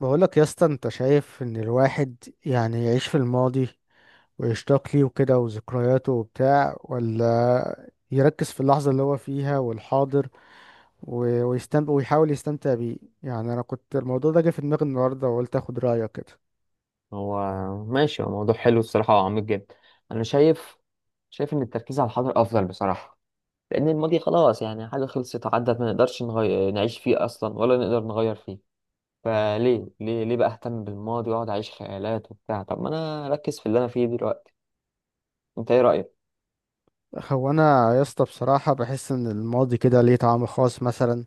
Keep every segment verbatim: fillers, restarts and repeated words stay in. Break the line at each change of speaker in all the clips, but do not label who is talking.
بقولك يا اسطى، انت شايف ان الواحد يعني يعيش في الماضي ويشتاق ليه وكده وذكرياته وبتاع، ولا يركز في اللحظة اللي هو فيها والحاضر و- ويستمتع ويحاول يستمتع بيه؟ يعني انا كنت الموضوع ده جه في دماغي النهاردة وقلت اخد رأيك كده.
هو ماشي، هو موضوع حلو الصراحة وعميق جدا. أنا شايف، شايف إن التركيز على الحاضر أفضل بصراحة، لأن الماضي خلاص يعني حاجة خلصت عدت، ما نقدرش نغي... نعيش فيه أصلا ولا نقدر نغير فيه. فليه ليه ليه بقى أهتم بالماضي وأقعد أعيش خيالات وبتاع؟ طب ما أنا أركز في اللي أنا فيه دلوقتي. أنت إيه رأيك؟
هو انا يا اسطى بصراحة بحس ان الماضي كده ليه طعم خاص مثلا.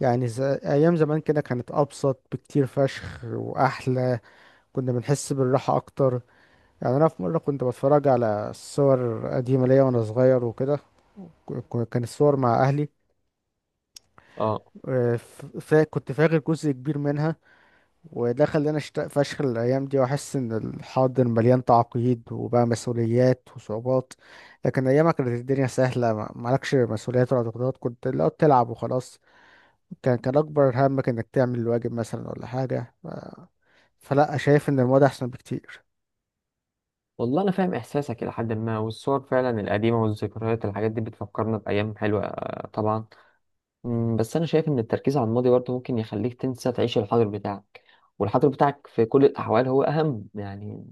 يعني ز... ايام زمان كده كانت ابسط بكتير فشخ واحلى، كنا بنحس بالراحة اكتر. يعني انا في مره كنت بتفرج على صور قديمه ليا وانا صغير وكده، ك- كان الصور مع اهلي.
آه،
آه، ف- فا- كنت فاكر جزء كبير منها، وده خلاني اشتاق فشخ الايام دي واحس ان الحاضر مليان تعقيد وبقى مسؤوليات وصعوبات. لكن ايامها كانت الدنيا سهله، ما- مالكش مسؤوليات ولا ضغوطات، كنت لو تلعب وخلاص. كان كان اكبر همك انك تعمل الواجب مثلا ولا حاجه. ف- فلا، شايف ان الموضوع احسن بكتير.
والله أنا فاهم إحساسك إلى حد ما، والصور فعلا القديمة والذكريات الحاجات دي بتفكرنا بأيام حلوة، آه، طبعا. مم، بس أنا شايف إن التركيز على الماضي برضه ممكن يخليك تنسى تعيش الحاضر بتاعك، والحاضر بتاعك في كل الأحوال هو أهم. يعني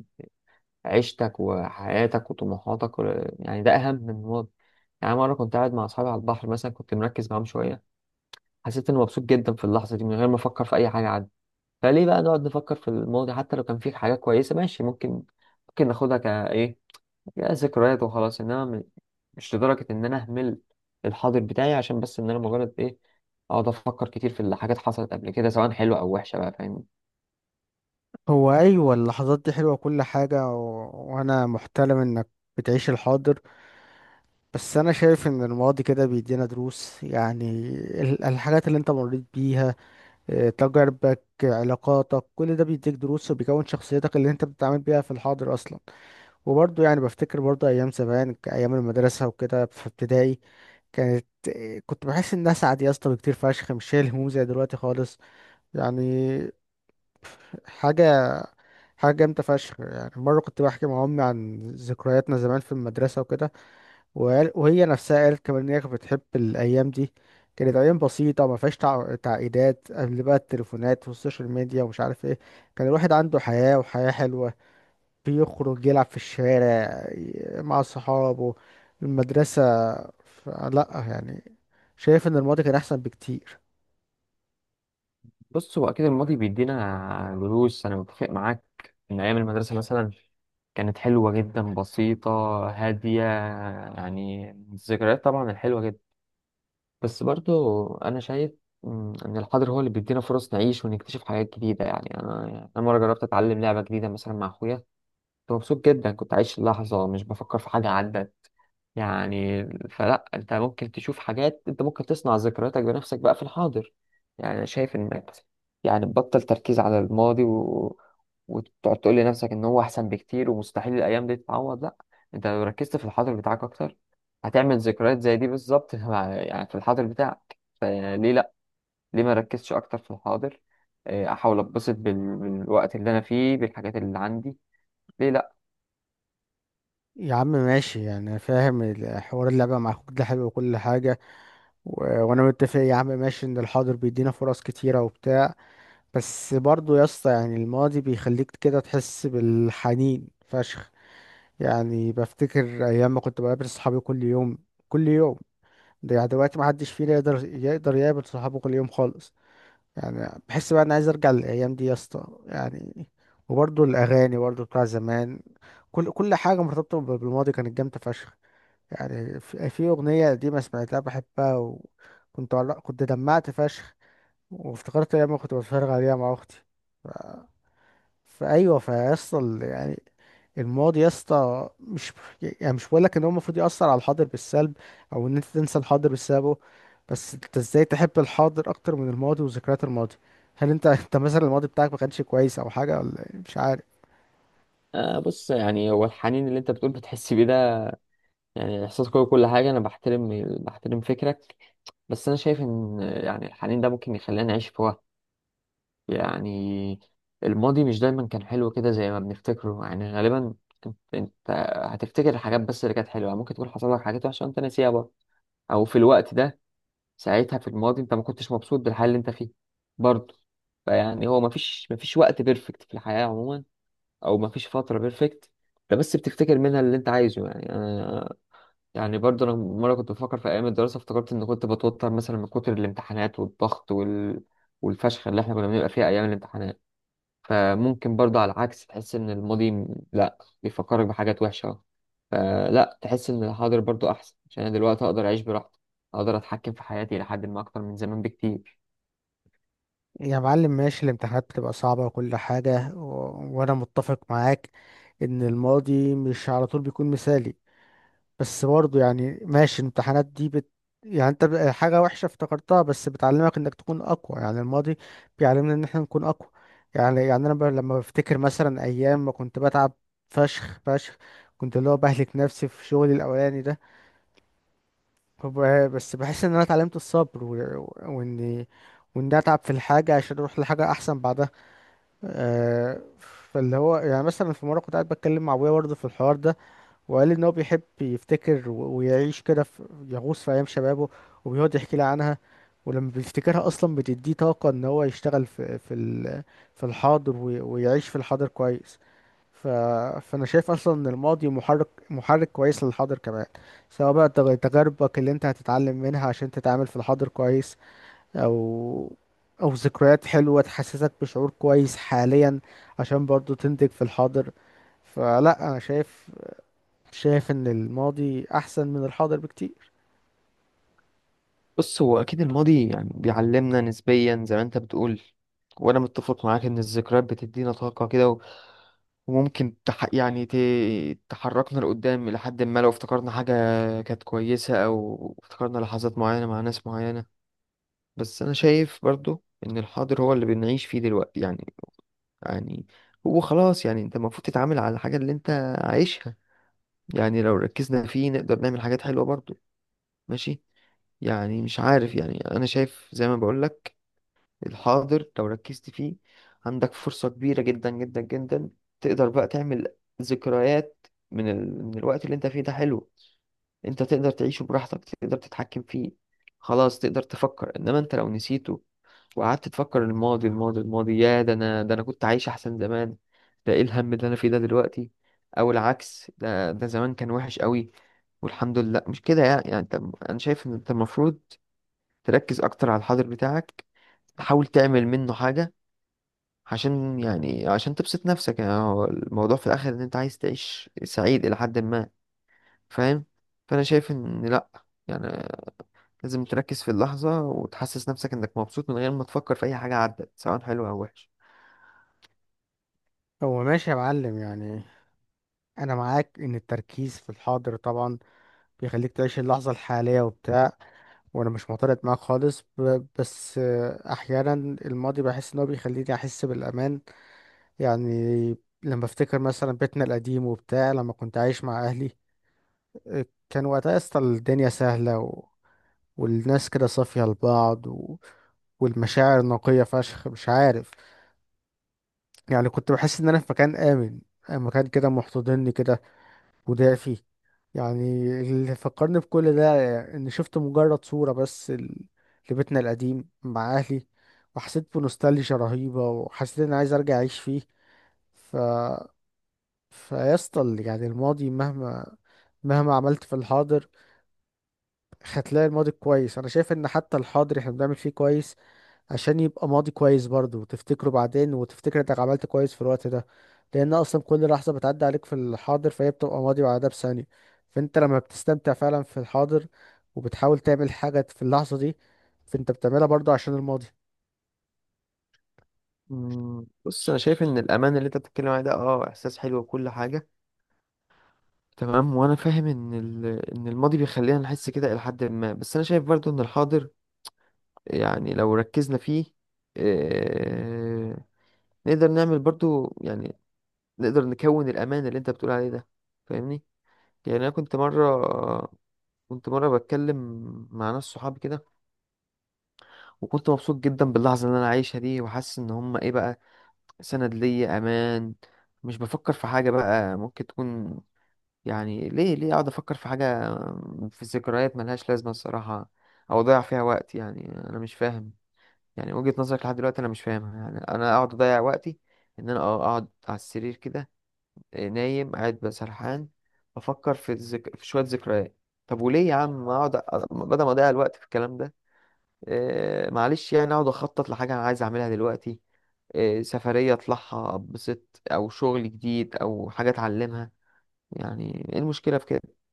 عيشتك وحياتك وطموحاتك و- يعني ده أهم من الماضي. يعني مرة كنت قاعد مع أصحابي على البحر مثلا، كنت مركز معاهم شوية، حسيت إني مبسوط جدا في اللحظة دي من غير ما أفكر في أي حاجة عادي. فليه بقى نقعد نفكر في الماضي؟ حتى لو كان فيه حاجات كويسة، ماشي، ممكن ممكن ناخدها كإيه، يا ذكريات وخلاص، انما م- مش لدرجة ان انا اهمل الحاضر بتاعي عشان بس ان انا مجرد ايه، اقعد افكر كتير في اللي حاجات حصلت قبل كده، سواء حلوة او وحشة بقى، فاهم؟
هو أيوة، اللحظات دي حلوة كل حاجة و... وأنا محترم إنك بتعيش الحاضر، بس أنا شايف إن الماضي كده بيدينا دروس. يعني ال- الحاجات اللي أنت مريت بيها، آه، تجاربك، آه، علاقاتك، كل ده بيديك دروس وبيكون شخصيتك اللي أنت بتتعامل بيها في الحاضر أصلا. وبرضه يعني بفتكر برضه أيام زمان، ك- أيام المدرسة وكده في ابتدائي، كانت آه، كنت بحس إنها سعد يا اسطى بكتير فشخ، مش شايل هموم زي دلوقتي خالص. يعني حاجة حاجة جامدة فشخ. يعني مرة كنت بحكي مع أمي عن ذكرياتنا زمان في المدرسة وكده، وقال- وهي نفسها قالت كمان إن هي كانت بتحب الأيام دي. كانت أيام بسيطة ما فيهاش تع- تعقيدات قبل بقى التليفونات والسوشيال ميديا ومش عارف إيه. كان الواحد عنده حياة، وحياة حلوة، بيخرج يلعب في الشارع ي- مع صحابه، المدرسة. ف- لأ يعني، شايف إن الماضي كان أحسن بكتير.
بص، هو اكيد الماضي بيدينا دروس، انا متفق معاك ان ايام المدرسة مثلا كانت حلوة جدا، بسيطة، هادية، يعني الذكريات طبعا الحلوة جدا. بس برضو أنا شايف، مم، إن الحاضر هو اللي بيدينا فرص نعيش ونكتشف حاجات جديدة. يعني أنا، يعني أنا مرة جربت أتعلم لعبة جديدة مثلا مع أخويا، كنت مبسوط جدا، كنت عايش اللحظة، مش بفكر في حاجة عدت. يعني فلا، انت ممكن تشوف حاجات، انت ممكن تصنع ذكرياتك بنفسك بقى في الحاضر. يعني انا شايف انك يعني تبطل تركيز على الماضي و... وتقعد تقول لنفسك ان هو احسن بكتير ومستحيل الايام دي تتعوض. لا، انت لو ركزت في الحاضر بتاعك اكتر، هتعمل ذكريات زي دي بالظبط مع- يعني في الحاضر بتاعك، فليه لا؟ ليه ما ركزش اكتر في الحاضر؟ اه، احاول اتبسط بال... بالوقت اللي انا فيه، بالحاجات اللي عندي. ليه لا؟
يا عم ماشي، يعني أنا فاهم الحوار، اللعبة مع أخوك ده حلو وكل حاجة، و- وانا متفق يا عم ماشي ان الحاضر بيدينا فرص كتيرة وبتاع. بس برضو يا اسطى، يعني الماضي بيخليك كده تحس بالحنين فشخ. يعني بفتكر ايام ما كنت بقابل صحابي كل يوم، كل يوم. ده يعني دلوقتي ما حدش فينا يقدر يقدر يقابل صحابه كل يوم خالص. يعني بحس بقى انا عايز ارجع للايام دي يا اسطى يعني. وبرضو الاغاني برضو بتاع زمان، كل كل حاجة مرتبطة بالماضي كانت جامدة فشخ. يعني في في أغنية قديمة سمعتها بحبها، وكنت عل- كنت دمعت فشخ وافتكرت أيام كنت بتفرج عليها مع أختي. ف- فأيوه فيصل يعني، الماضي يا اسطى مش، يعني مش بقولك إن هو المفروض يأثر على الحاضر بالسلب أو إن أنت تنسى الحاضر بسببه. بس أنت إزاي تحب الحاضر أكتر من الماضي وذكريات الماضي؟ هل أنت أنت مثلا الماضي بتاعك ما كانش كويس أو حاجة، ولا إيه؟ مش عارف.
آه، بص، يعني هو الحنين اللي انت بتقول بتحس بيه ده يعني احساس قوي، كل حاجه، انا بحترم بحترم فكرك. بس انا شايف ان يعني الحنين ده ممكن يخلينا نعيش في وقت، يعني الماضي مش دايما كان حلو كده زي ما بنفتكره، يعني غالبا انت انت هتفتكر الحاجات بس اللي كانت حلوه، ممكن تكون حصل لك حاجات وحشه وانت ناسيها برضه، او في الوقت ده ساعتها في الماضي انت ما كنتش مبسوط بالحال اللي انت فيه برضه. فيعني هو مفيش مفيش وقت بيرفكت في الحياه عموما، او ما فيش فتره بيرفكت، ده بس بتفتكر منها اللي انت عايزه. يعني انا، يعني برضه انا مره كنت بفكر في ايام الدراسه، افتكرت ان كنت بتوتر مثلا من كتر الامتحانات والضغط وال... والفشخ اللي احنا كنا بنبقى فيها ايام الامتحانات. فممكن برضه على العكس تحس ان الماضي م- لا، بيفكرك بحاجات وحشه. فلا، تحس ان الحاضر برضه احسن، عشان انا دلوقتي اقدر اعيش براحتي، اقدر اتحكم في حياتي لحد ما اكتر من زمان بكتير.
يا معلم ماشي، الامتحانات بتبقى صعبة وكل حاجة، و... وأنا متفق معاك إن الماضي مش على طول بيكون مثالي. بس برضه يعني ماشي، الامتحانات دي بت... يعني أنت ب- حاجة وحشة افتكرتها بس بتعلمك إنك تكون أقوى. يعني الماضي بيعلمنا إن إحنا نكون أقوى. يعني يعني أنا ب... لما بفتكر مثلا أيام ما كنت بتعب فشخ فشخ، كنت اللي هو بهلك نفسي في شغلي الأولاني ده. فب- بس بحس إن أنا اتعلمت الصبر و... و... وإني وإني أتعب في الحاجة عشان أروح لحاجة أحسن بعدها. آه، فاللي هو يعني مثلا في مرة كنت قاعد بتكلم مع أبويا برضه في الحوار ده، وقال لي إن هو بيحب يفتكر و- ويعيش كده في، يغوص في أيام شبابه، وبيقعد يحكي لي عنها. ولما بيفتكرها أصلا بتديه طاقة إن هو يشتغل في في ال- في الحاضر، وي- ويعيش في الحاضر كويس. ف... فأنا شايف أصلا إن الماضي محرك محرك كويس للحاضر كمان، سواء بقى تغ- تجاربك اللي أنت هتتعلم منها عشان تتعامل في الحاضر كويس، او او ذكريات حلوة تحسسك بشعور كويس حاليا عشان برضو تنتج في الحاضر. فلا، انا شايف شايف ان الماضي احسن من الحاضر بكتير.
بص، هو أكيد الماضي يعني بيعلمنا نسبيا زي ما أنت بتقول، وأنا متفق معاك إن الذكريات بتدينا طاقة كده و- وممكن تح يعني ت... تحركنا لقدام إلى حد ما، لو افتكرنا حاجة كانت كويسة أو افتكرنا لحظات معينة مع ناس معينة. بس أنا شايف برضو إن الحاضر هو اللي بنعيش فيه دلوقتي يعني. يعني هو خلاص، يعني أنت المفروض تتعامل على الحاجة اللي أنت عايشها. يعني لو ركزنا فيه نقدر نعمل حاجات حلوة برضو، ماشي؟ يعني مش عارف، يعني أنا شايف زي ما بقولك، الحاضر لو ركزت فيه عندك فرصة كبيرة جدا جدا جدا، تقدر بقى تعمل ذكريات من ال... من الوقت اللي انت فيه ده، حلو، انت تقدر تعيشه براحتك، تقدر تتحكم فيه، خلاص، تقدر تفكر. انما انت لو نسيته وقعدت تفكر الماضي، الماضي، الماضي، يا ده انا ده انا كنت عايش احسن زمان، ده ايه الهم اللي انا فيه ده دلوقتي، او العكس، ده ده زمان كان وحش قوي والحمد لله مش كده. يعني يعني انت، انا شايف ان انت المفروض تركز اكتر على الحاضر بتاعك، تحاول تعمل منه حاجة عشان يعني عشان تبسط نفسك. يعني هو الموضوع في الاخر ان انت عايز تعيش سعيد الى حد ما، فاهم؟ فانا شايف ان لا، يعني لازم تركز في اللحظة وتحسس نفسك انك مبسوط من غير ما تفكر في اي حاجة عدت سواء حلوة او وحشة.
هو ماشي يا معلم، يعني انا معاك ان التركيز في الحاضر طبعا بيخليك تعيش اللحظة الحالية وبتاع، وانا مش معترض معاك خالص، ب- بس آه، احيانا الماضي بحس ان هو بيخليني احس بالامان. يعني لما افتكر مثلا بيتنا القديم وبتاع لما كنت عايش مع اهلي، كان وقتها يا اسطى الدنيا سهلة و... والناس كده صافية لبعض و... والمشاعر نقية فشخ، مش عارف. يعني كنت بحس إن أنا في مكان آمن، مكان كده محتضنني كده، ودافي. يعني اللي فكرني بكل ده إن شفت مجرد صورة بس ال- لبيتنا القديم مع أهلي، وحسيت بنوستالجيا رهيبة، وحسيت إن أنا عايز أرجع أعيش فيه. ف فيسطا يعني الماضي مهما، مهما عملت في الحاضر هتلاقي الماضي كويس. انا شايف ان حتى الحاضر احنا بنعمل فيه كويس عشان يبقى ماضي كويس برضه، وتفتكره بعدين وتفتكر انك عملت كويس في الوقت ده. لان اصلا كل لحظة بتعدي عليك في الحاضر فهي بتبقى ماضي بعدها بثانية. فانت لما بتستمتع فعلا في الحاضر وبتحاول تعمل حاجة في اللحظة دي، فانت بتعملها برضه عشان الماضي.
أمم، بص، انا شايف ان الامان اللي انت بتتكلم عليه ده اه احساس حلو وكل حاجة، تمام، وانا فاهم ان ال... ان الماضي بيخلينا نحس كده الى حد ما. بس انا شايف برضو ان الحاضر يعني لو ركزنا فيه، آه، نقدر نعمل برضو يعني، نقدر نكون الأمان اللي أنت بتقول عليه ده، فاهمني؟ يعني أنا كنت مرة، كنت مرة بتكلم مع ناس صحابي كده، وكنت مبسوط جدا باللحظة اللي أنا عايشها دي، وحاسس إن هما إيه بقى، سند ليا، أمان، مش بفكر في حاجة بقى ممكن تكون. يعني ليه ليه أقعد أفكر في حاجة، في ذكريات ملهاش لازمة الصراحة، أو أضيع فيها وقت؟ يعني أنا مش فاهم يعني وجهة نظرك لحد دلوقتي، أنا مش فاهمها. يعني أنا أقعد أضيع وقتي إن أنا أقعد على السرير كده، آه، نايم قاعد بقى سرحان، بفكر في الذك... في شوية ذكريات؟ طب وليه يا عم؟ اقعد أ- بدل ما اضيع الوقت في الكلام ده، آه معلش، يعني اقعد اخطط لحاجة انا عايز اعملها دلوقتي، آه، سفرية اطلعها اتبسط، او شغل جديد، او حاجة اتعلمها. يعني ايه المشكلة في كده؟